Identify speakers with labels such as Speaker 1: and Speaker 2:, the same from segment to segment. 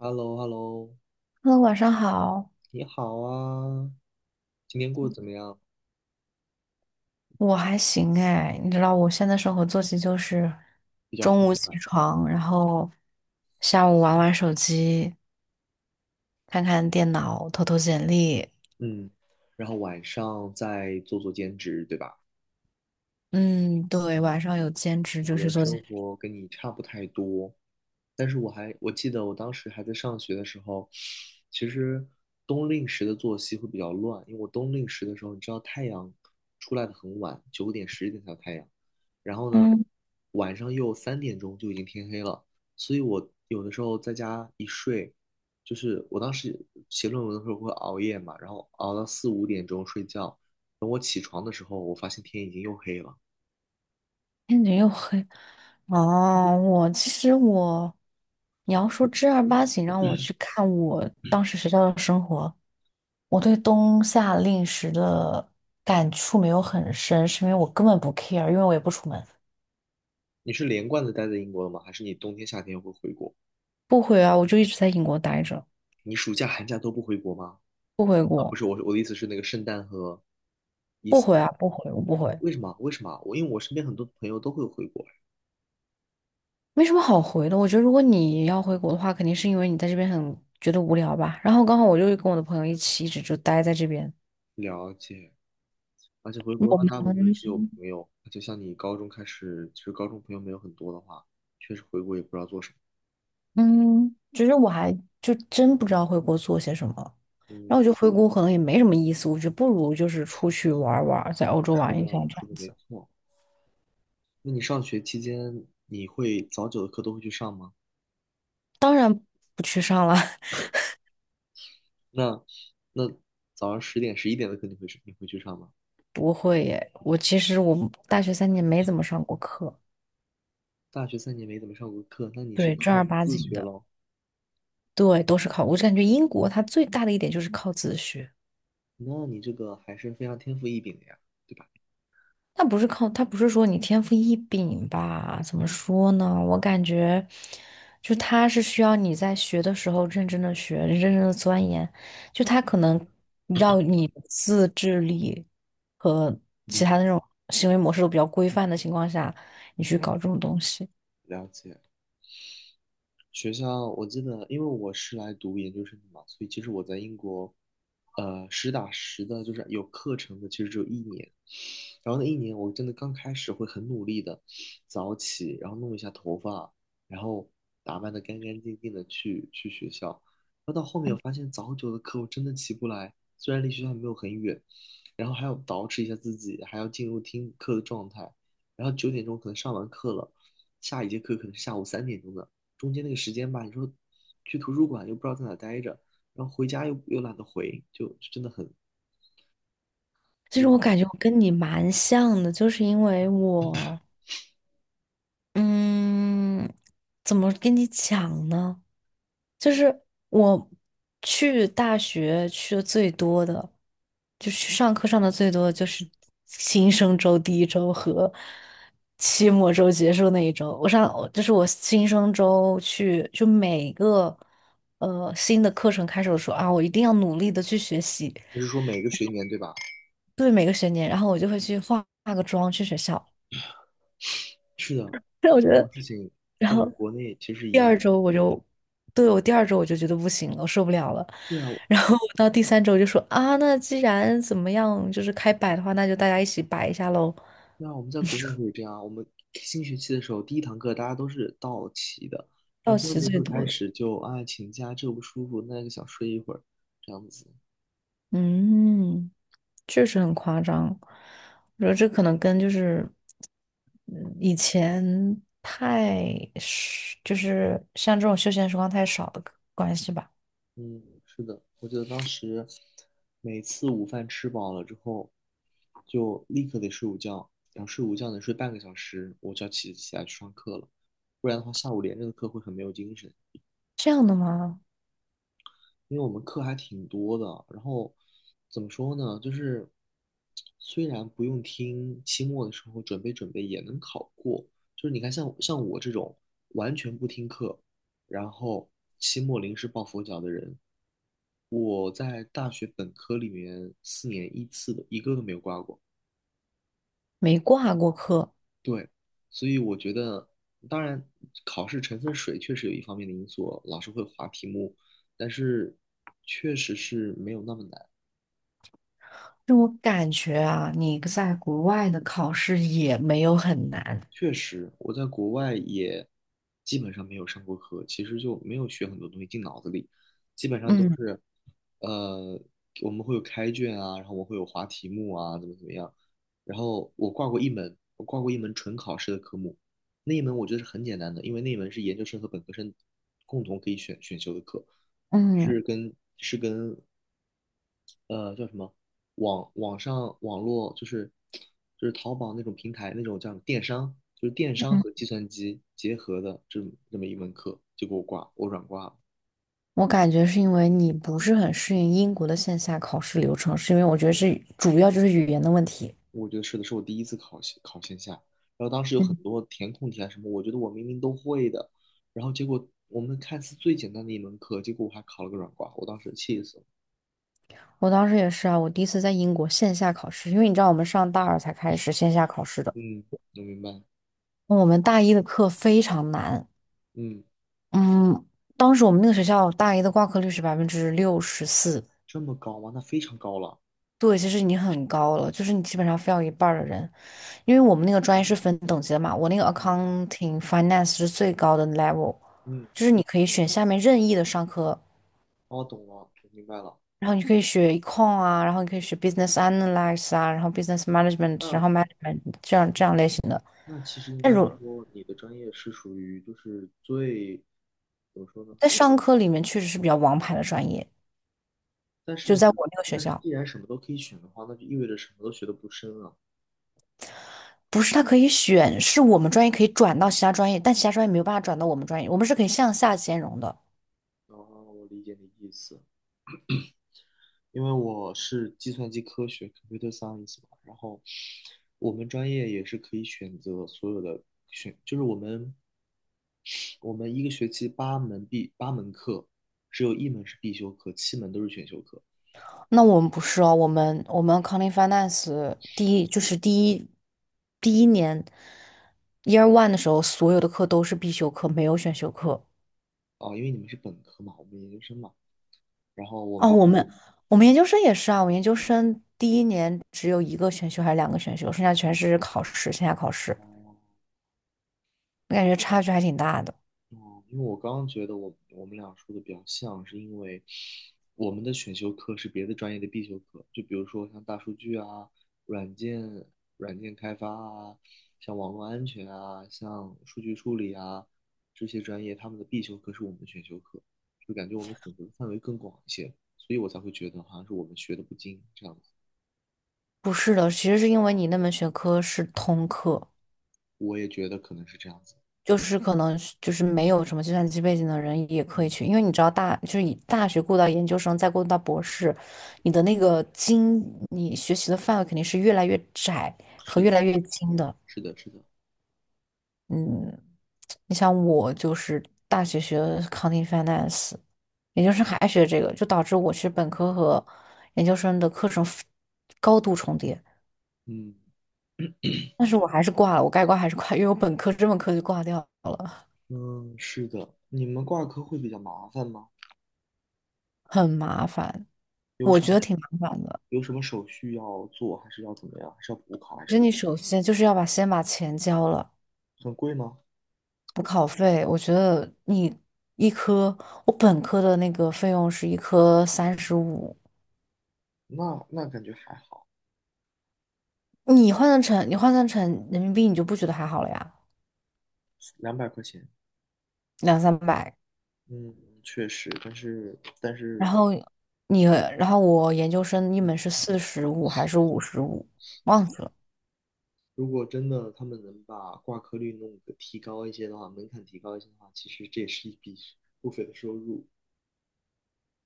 Speaker 1: h e l l o h e l l o
Speaker 2: 哈喽，晚上好。
Speaker 1: 你好啊，今天过得怎么样？
Speaker 2: 我还行哎，你知道我现在生活作息就是
Speaker 1: 比较混
Speaker 2: 中午起
Speaker 1: 乱，
Speaker 2: 床，然后下午玩玩手机，看看电脑，投投简历。
Speaker 1: 嗯，然后晚上再做做兼职，对吧？
Speaker 2: 嗯，对，晚上有兼职
Speaker 1: 我
Speaker 2: 就是
Speaker 1: 的
Speaker 2: 做兼
Speaker 1: 生
Speaker 2: 职。
Speaker 1: 活跟你差不太多，但是我记得我当时还在上学的时候，其实冬令时的作息会比较乱，因为我冬令时的时候，你知道太阳出来的很晚，9点10点才有太阳，然后呢，
Speaker 2: 嗯，
Speaker 1: 晚上又三点钟就已经天黑了，所以我有的时候在家一睡，就是我当时写论文的时候会熬夜嘛，然后熬到4、5点钟睡觉，等我起床的时候，我发现天已经又黑了。
Speaker 2: 天你又黑。哦，我其实我，你要说正儿八经让我去看我当时学校的生活，我对冬夏令时的感触没有很深，是因为我根本不 care，因为我也不出门。
Speaker 1: 你是连贯的待在英国了吗？还是你冬天、夏天会回国？
Speaker 2: 不回啊，我就一直在英国待着。
Speaker 1: 你暑假、寒假都不回国吗？
Speaker 2: 不回
Speaker 1: 啊，不
Speaker 2: 国。
Speaker 1: 是，我的意思是那个圣诞和伊
Speaker 2: 不
Speaker 1: 斯
Speaker 2: 回啊，
Speaker 1: 特
Speaker 2: 不回，我不回，
Speaker 1: 为什么？为什么？因为我身边很多朋友都会回国。
Speaker 2: 没什么好回的。我觉得如果你要回国的话，肯定是因为你在这边很觉得无聊吧。然后刚好我就跟我的朋友一起，一直就待在这边。
Speaker 1: 了解，而且回国的
Speaker 2: 我
Speaker 1: 话，
Speaker 2: 们
Speaker 1: 大部分是有朋友，就像你高中开始，其实高中朋友没有很多的话，确实回国也不知道做什么。
Speaker 2: 嗯，其实我还就真不知道回国做些什么。然后我
Speaker 1: 嗯，
Speaker 2: 觉得回国可能也没什么意思，我觉得不如就是出去玩儿玩儿在欧
Speaker 1: 你
Speaker 2: 洲
Speaker 1: 说
Speaker 2: 玩
Speaker 1: 的
Speaker 2: 一下这
Speaker 1: 说
Speaker 2: 样
Speaker 1: 的没
Speaker 2: 子。
Speaker 1: 错。那你上学期间，你会早九的课都会去上吗？
Speaker 2: 不去上了。
Speaker 1: 那那早上10点、11点的课你会去上吗？
Speaker 2: 不会耶。我其实我大学三年没怎么上过课。
Speaker 1: 大学3年没怎么上过课，那你是
Speaker 2: 对，正
Speaker 1: 靠
Speaker 2: 儿八
Speaker 1: 自
Speaker 2: 经
Speaker 1: 学
Speaker 2: 的。
Speaker 1: 喽？
Speaker 2: 对，都是靠。我就感觉英国它最大的一点就是靠自学。
Speaker 1: 那你这个还是非常天赋异禀的呀，对吧？
Speaker 2: 它不是说你天赋异禀吧？怎么说呢？我感觉，就它是需要你在学的时候认真的学，认真的钻研，就它可能要你自制力和其
Speaker 1: 嗯，
Speaker 2: 他的那种行为模式都比较规范的情况下，你去搞这种东西。
Speaker 1: 了解。学校我记得，因为我是来读研究生的嘛，所以其实我在英国，实打实的，就是有课程的，其实只有一年。然后那一年，我真的刚开始会很努力的早起，然后弄一下头发，然后打扮的干干净净的去学校。然后到后面，我发现早九的课我真的起不来，虽然离学校没有很远，然后还要捯饬一下自己，还要进入听课的状态。然后9点钟可能上完课了，下一节课可能是下午三点钟的。中间那个时间吧，你说去图书馆又不知道在哪待着，然后回家又懒得回，就真的很不
Speaker 2: 其
Speaker 1: 知
Speaker 2: 实我感
Speaker 1: 道。
Speaker 2: 觉我跟你蛮像的，就是因为我。嗯，怎么跟你讲呢？就是我去大学去的最多的，就是上课上的最多的就是新生周第一周和期末周结束那一周。我上就是我新生周去，就每个新的课程开始的时候啊，我一定要努力的去学习。
Speaker 1: 你是说每个学年对吧？
Speaker 2: 对每个学年，然后我就会去化化个妆去学校。
Speaker 1: 是的，
Speaker 2: 但我觉
Speaker 1: 这种
Speaker 2: 得，
Speaker 1: 事情
Speaker 2: 然
Speaker 1: 在
Speaker 2: 后
Speaker 1: 国内其实是一
Speaker 2: 第
Speaker 1: 样
Speaker 2: 二
Speaker 1: 的。
Speaker 2: 周我就，对，我第二周我就觉得不行了，我受不了了。
Speaker 1: 对啊，
Speaker 2: 然后我到第三周我就说啊，那既然怎么样，就是开摆的话，那就大家一起摆一下喽。
Speaker 1: 对啊，我们在国内可以这样啊。我们新学期的时候，第一堂课大家都是到齐的，然
Speaker 2: 到
Speaker 1: 后第二
Speaker 2: 齐
Speaker 1: 节
Speaker 2: 最
Speaker 1: 课开
Speaker 2: 多的。
Speaker 1: 始就啊请假，这个不舒服，那个想睡一会儿，这样子。
Speaker 2: 嗯，确实很夸张。我觉得这可能跟以前就是像这种休闲时光太少的关系吧。
Speaker 1: 嗯，是的，我记得当时每次午饭吃饱了之后，就立刻得睡午觉，然后睡午觉能睡半个小时，我就要起来去上课了，不然的话下午连着的课会很没有精神，
Speaker 2: 这样的吗？
Speaker 1: 因为我们课还挺多的。然后怎么说呢，就是虽然不用听，期末的时候准备准备也能考过。就是你看像我这种完全不听课，然后期末临时抱佛脚的人，我在大学本科里面4年一次的，一个都没有挂过。
Speaker 2: 没挂过科。
Speaker 1: 对，所以我觉得，当然考试成分水确实有一方面的因素，老师会划题目，但是确实是没有那么难。
Speaker 2: 就我感觉啊，你在国外的考试也没有很难。
Speaker 1: 确实，我在国外也基本上没有上过课，其实就没有学很多东西进脑子里，基本上都
Speaker 2: 嗯
Speaker 1: 是，呃，我们会有开卷啊，然后我会有划题目啊，怎么怎么样，然后我挂过一门纯考试的科目，那一门我觉得是很简单的，因为那一门是研究生和本科生共同可以选修的课，
Speaker 2: 嗯
Speaker 1: 是跟叫什么网络就是淘宝那种平台那种叫什么电商，就是电商
Speaker 2: 嗯，
Speaker 1: 和计算机结合的这么一门课，结果我软挂了。
Speaker 2: 我感觉是因为你不是很适应英国的线下考试流程，是因为我觉得是主要就是语言的问题。
Speaker 1: 我觉得是的，是我第一次考线下，然后当时有很
Speaker 2: 嗯，
Speaker 1: 多填空题啊什么，我觉得我明明都会的，然后结果我们看似最简单的一门课，结果我还考了个软挂，我当时气死了。
Speaker 2: 我当时也是啊，我第一次在英国线下考试，因为你知道我们上大二才开始线下考试的。
Speaker 1: 嗯，我明白。
Speaker 2: 我们大一的课非常难。
Speaker 1: 嗯，
Speaker 2: 嗯，当时我们那个学校大一的挂科率是64%。
Speaker 1: 这么高吗？那非常高了。
Speaker 2: 对，其实已经很高了，就是你基本上非要一半儿的人。因为我们那个专业是
Speaker 1: 嗯
Speaker 2: 分等级的嘛，我那个
Speaker 1: 嗯
Speaker 2: accounting finance 是最高的 level，
Speaker 1: 嗯，
Speaker 2: 就是你可以选下面任意的商科，
Speaker 1: 哦，懂了，我明白了。
Speaker 2: 然后你可以学 econ 啊，然后你可以学 business analysis 啊，然后 business management，然
Speaker 1: 那。
Speaker 2: 后 management 这样这样类型的。
Speaker 1: 那其实应
Speaker 2: 但
Speaker 1: 该
Speaker 2: 如
Speaker 1: 说，你的专业是属于就是最，怎么说呢？
Speaker 2: 在商科里面确实是比较王牌的专业，
Speaker 1: 但是
Speaker 2: 就
Speaker 1: 你，
Speaker 2: 在我那个学
Speaker 1: 但是
Speaker 2: 校。
Speaker 1: 既然什么都可以选的话，那就意味着什么都学的不深了。
Speaker 2: 不是他可以选，是我们专业可以转到其他专业，但其他专业没有办法转到我们专业，我们是可以向下兼容的。
Speaker 1: 哦，我理解你的意思，因为我是计算机科学 （computer science） 嘛，然后我们专业也是可以选择所有的选，就是我们一个学期八门课，只有一门是必修课，7门都是选修课。
Speaker 2: 那我们不是哦，我们 a c o u n t i n g Finance 第一就是第一第一年 Year One 的时候，所有的课都是必修课，没有选修课。
Speaker 1: 啊，因为你们是本科嘛，我们研究生嘛，然后我
Speaker 2: 哦，
Speaker 1: 们
Speaker 2: 我们研究生也是啊，我研究生第一年只有一个选修还是两个选修，剩下全是考试，线下考试。
Speaker 1: 哦。
Speaker 2: 我感觉差距还挺大的。
Speaker 1: 哦，因为我刚刚觉得我们俩说的比较像，是因为我们的选修课是别的专业的必修课，就比如说像大数据啊、软件、软件开发啊、像网络安全啊、像数据处理啊这些专业，他们的必修课是我们的选修课，就感觉我们选择的范围更广一些，所以我才会觉得好像是我们学的不精这样子。
Speaker 2: 不是的，其实是因为你那门学科是通课，
Speaker 1: 我也觉得可能是这样子。
Speaker 2: 就是可能是就是没有什么计算机背景的人也可以
Speaker 1: 嗯，
Speaker 2: 去，因为你知道大就是以大学过到研究生，再过渡到博士，你的那个精，你学习的范围肯定是越来越窄和
Speaker 1: 是
Speaker 2: 越
Speaker 1: 的，
Speaker 2: 来越精的。
Speaker 1: 是的，是的。
Speaker 2: 嗯，你像我就是大学学的 c o u n t i n g finance，研究生还学这个，就导致我其实本科和研究生的课程 高度重叠，
Speaker 1: 嗯
Speaker 2: 但是我还是挂了，我该挂还是挂，因为我本科这门课就挂掉了。
Speaker 1: 嗯，是的。你们挂科会比较麻烦吗？
Speaker 2: 很麻烦，
Speaker 1: 有
Speaker 2: 我
Speaker 1: 什
Speaker 2: 觉
Speaker 1: 么
Speaker 2: 得挺麻烦的。
Speaker 1: 有什么手续要做，还是要怎么样？还是要补考，还
Speaker 2: 其
Speaker 1: 是
Speaker 2: 实
Speaker 1: 要
Speaker 2: 你首先就是要把先把钱交了，
Speaker 1: 很贵吗？
Speaker 2: 补考费。我觉得你一科，我本科的那个费用是一科35。
Speaker 1: 那感觉还好，
Speaker 2: 你换算成人民币，你就不觉得还好了呀，
Speaker 1: 200块钱，
Speaker 2: 两三百。
Speaker 1: 嗯，确实，但是
Speaker 2: 然后你，然后我研究生一门是45还是55，忘记了。
Speaker 1: 如果真的他们能把挂科率弄个提高一些的话，门槛提高一些的话，其实这也是一笔不菲的收入。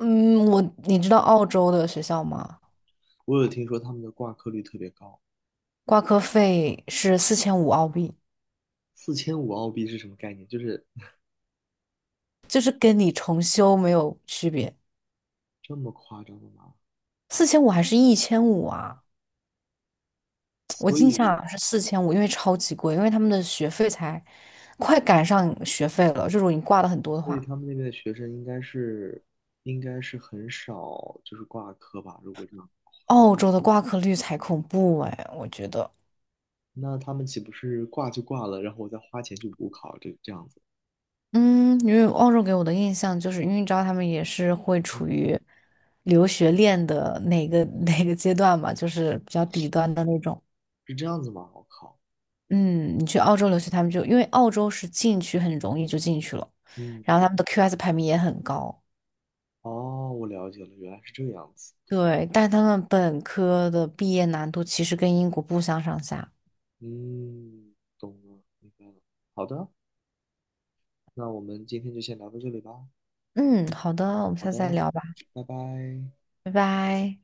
Speaker 2: 嗯，我你知道澳洲的学校吗？
Speaker 1: 我有听说他们的挂科率特别高，
Speaker 2: 挂科费是四千五澳币，
Speaker 1: 4500澳币是什么概念？就是
Speaker 2: 就是跟你重修没有区别。
Speaker 1: 这么夸张的吗？
Speaker 2: 四千五还是1500啊？我
Speaker 1: 所
Speaker 2: 印象好
Speaker 1: 以。
Speaker 2: 像是四千五，因为超级贵，因为他们的学费才快赶上学费了。就如果你挂的很多的
Speaker 1: 所以
Speaker 2: 话，
Speaker 1: 他们那边的学生应该是很少就是挂科吧？如果这样，
Speaker 2: 澳洲的挂科率才恐怖哎，我觉得。
Speaker 1: 那他们岂不是挂就挂了，然后我再花钱去补考这样子？
Speaker 2: 嗯，因为澳洲给我的印象就是，因为你知道他们也是会处
Speaker 1: 嗯，
Speaker 2: 于留学链的哪个阶段嘛，就是比较底端的那种。
Speaker 1: 是这样子吗？我靠，
Speaker 2: 嗯，你去澳洲留学，他们就因为澳洲是进去很容易就进去了，
Speaker 1: 嗯，
Speaker 2: 然后他们的 QS 排名也很高。
Speaker 1: 哦，我了解了，原来是这个样子。
Speaker 2: 对，但他们本科的毕业难度其实跟英国不相上下。
Speaker 1: 嗯，懂了，明白了。好的，那我们今天就先聊到这里吧。
Speaker 2: 嗯，好的，我们
Speaker 1: 好
Speaker 2: 下
Speaker 1: 的，
Speaker 2: 次再聊吧。
Speaker 1: 拜拜。
Speaker 2: 拜拜。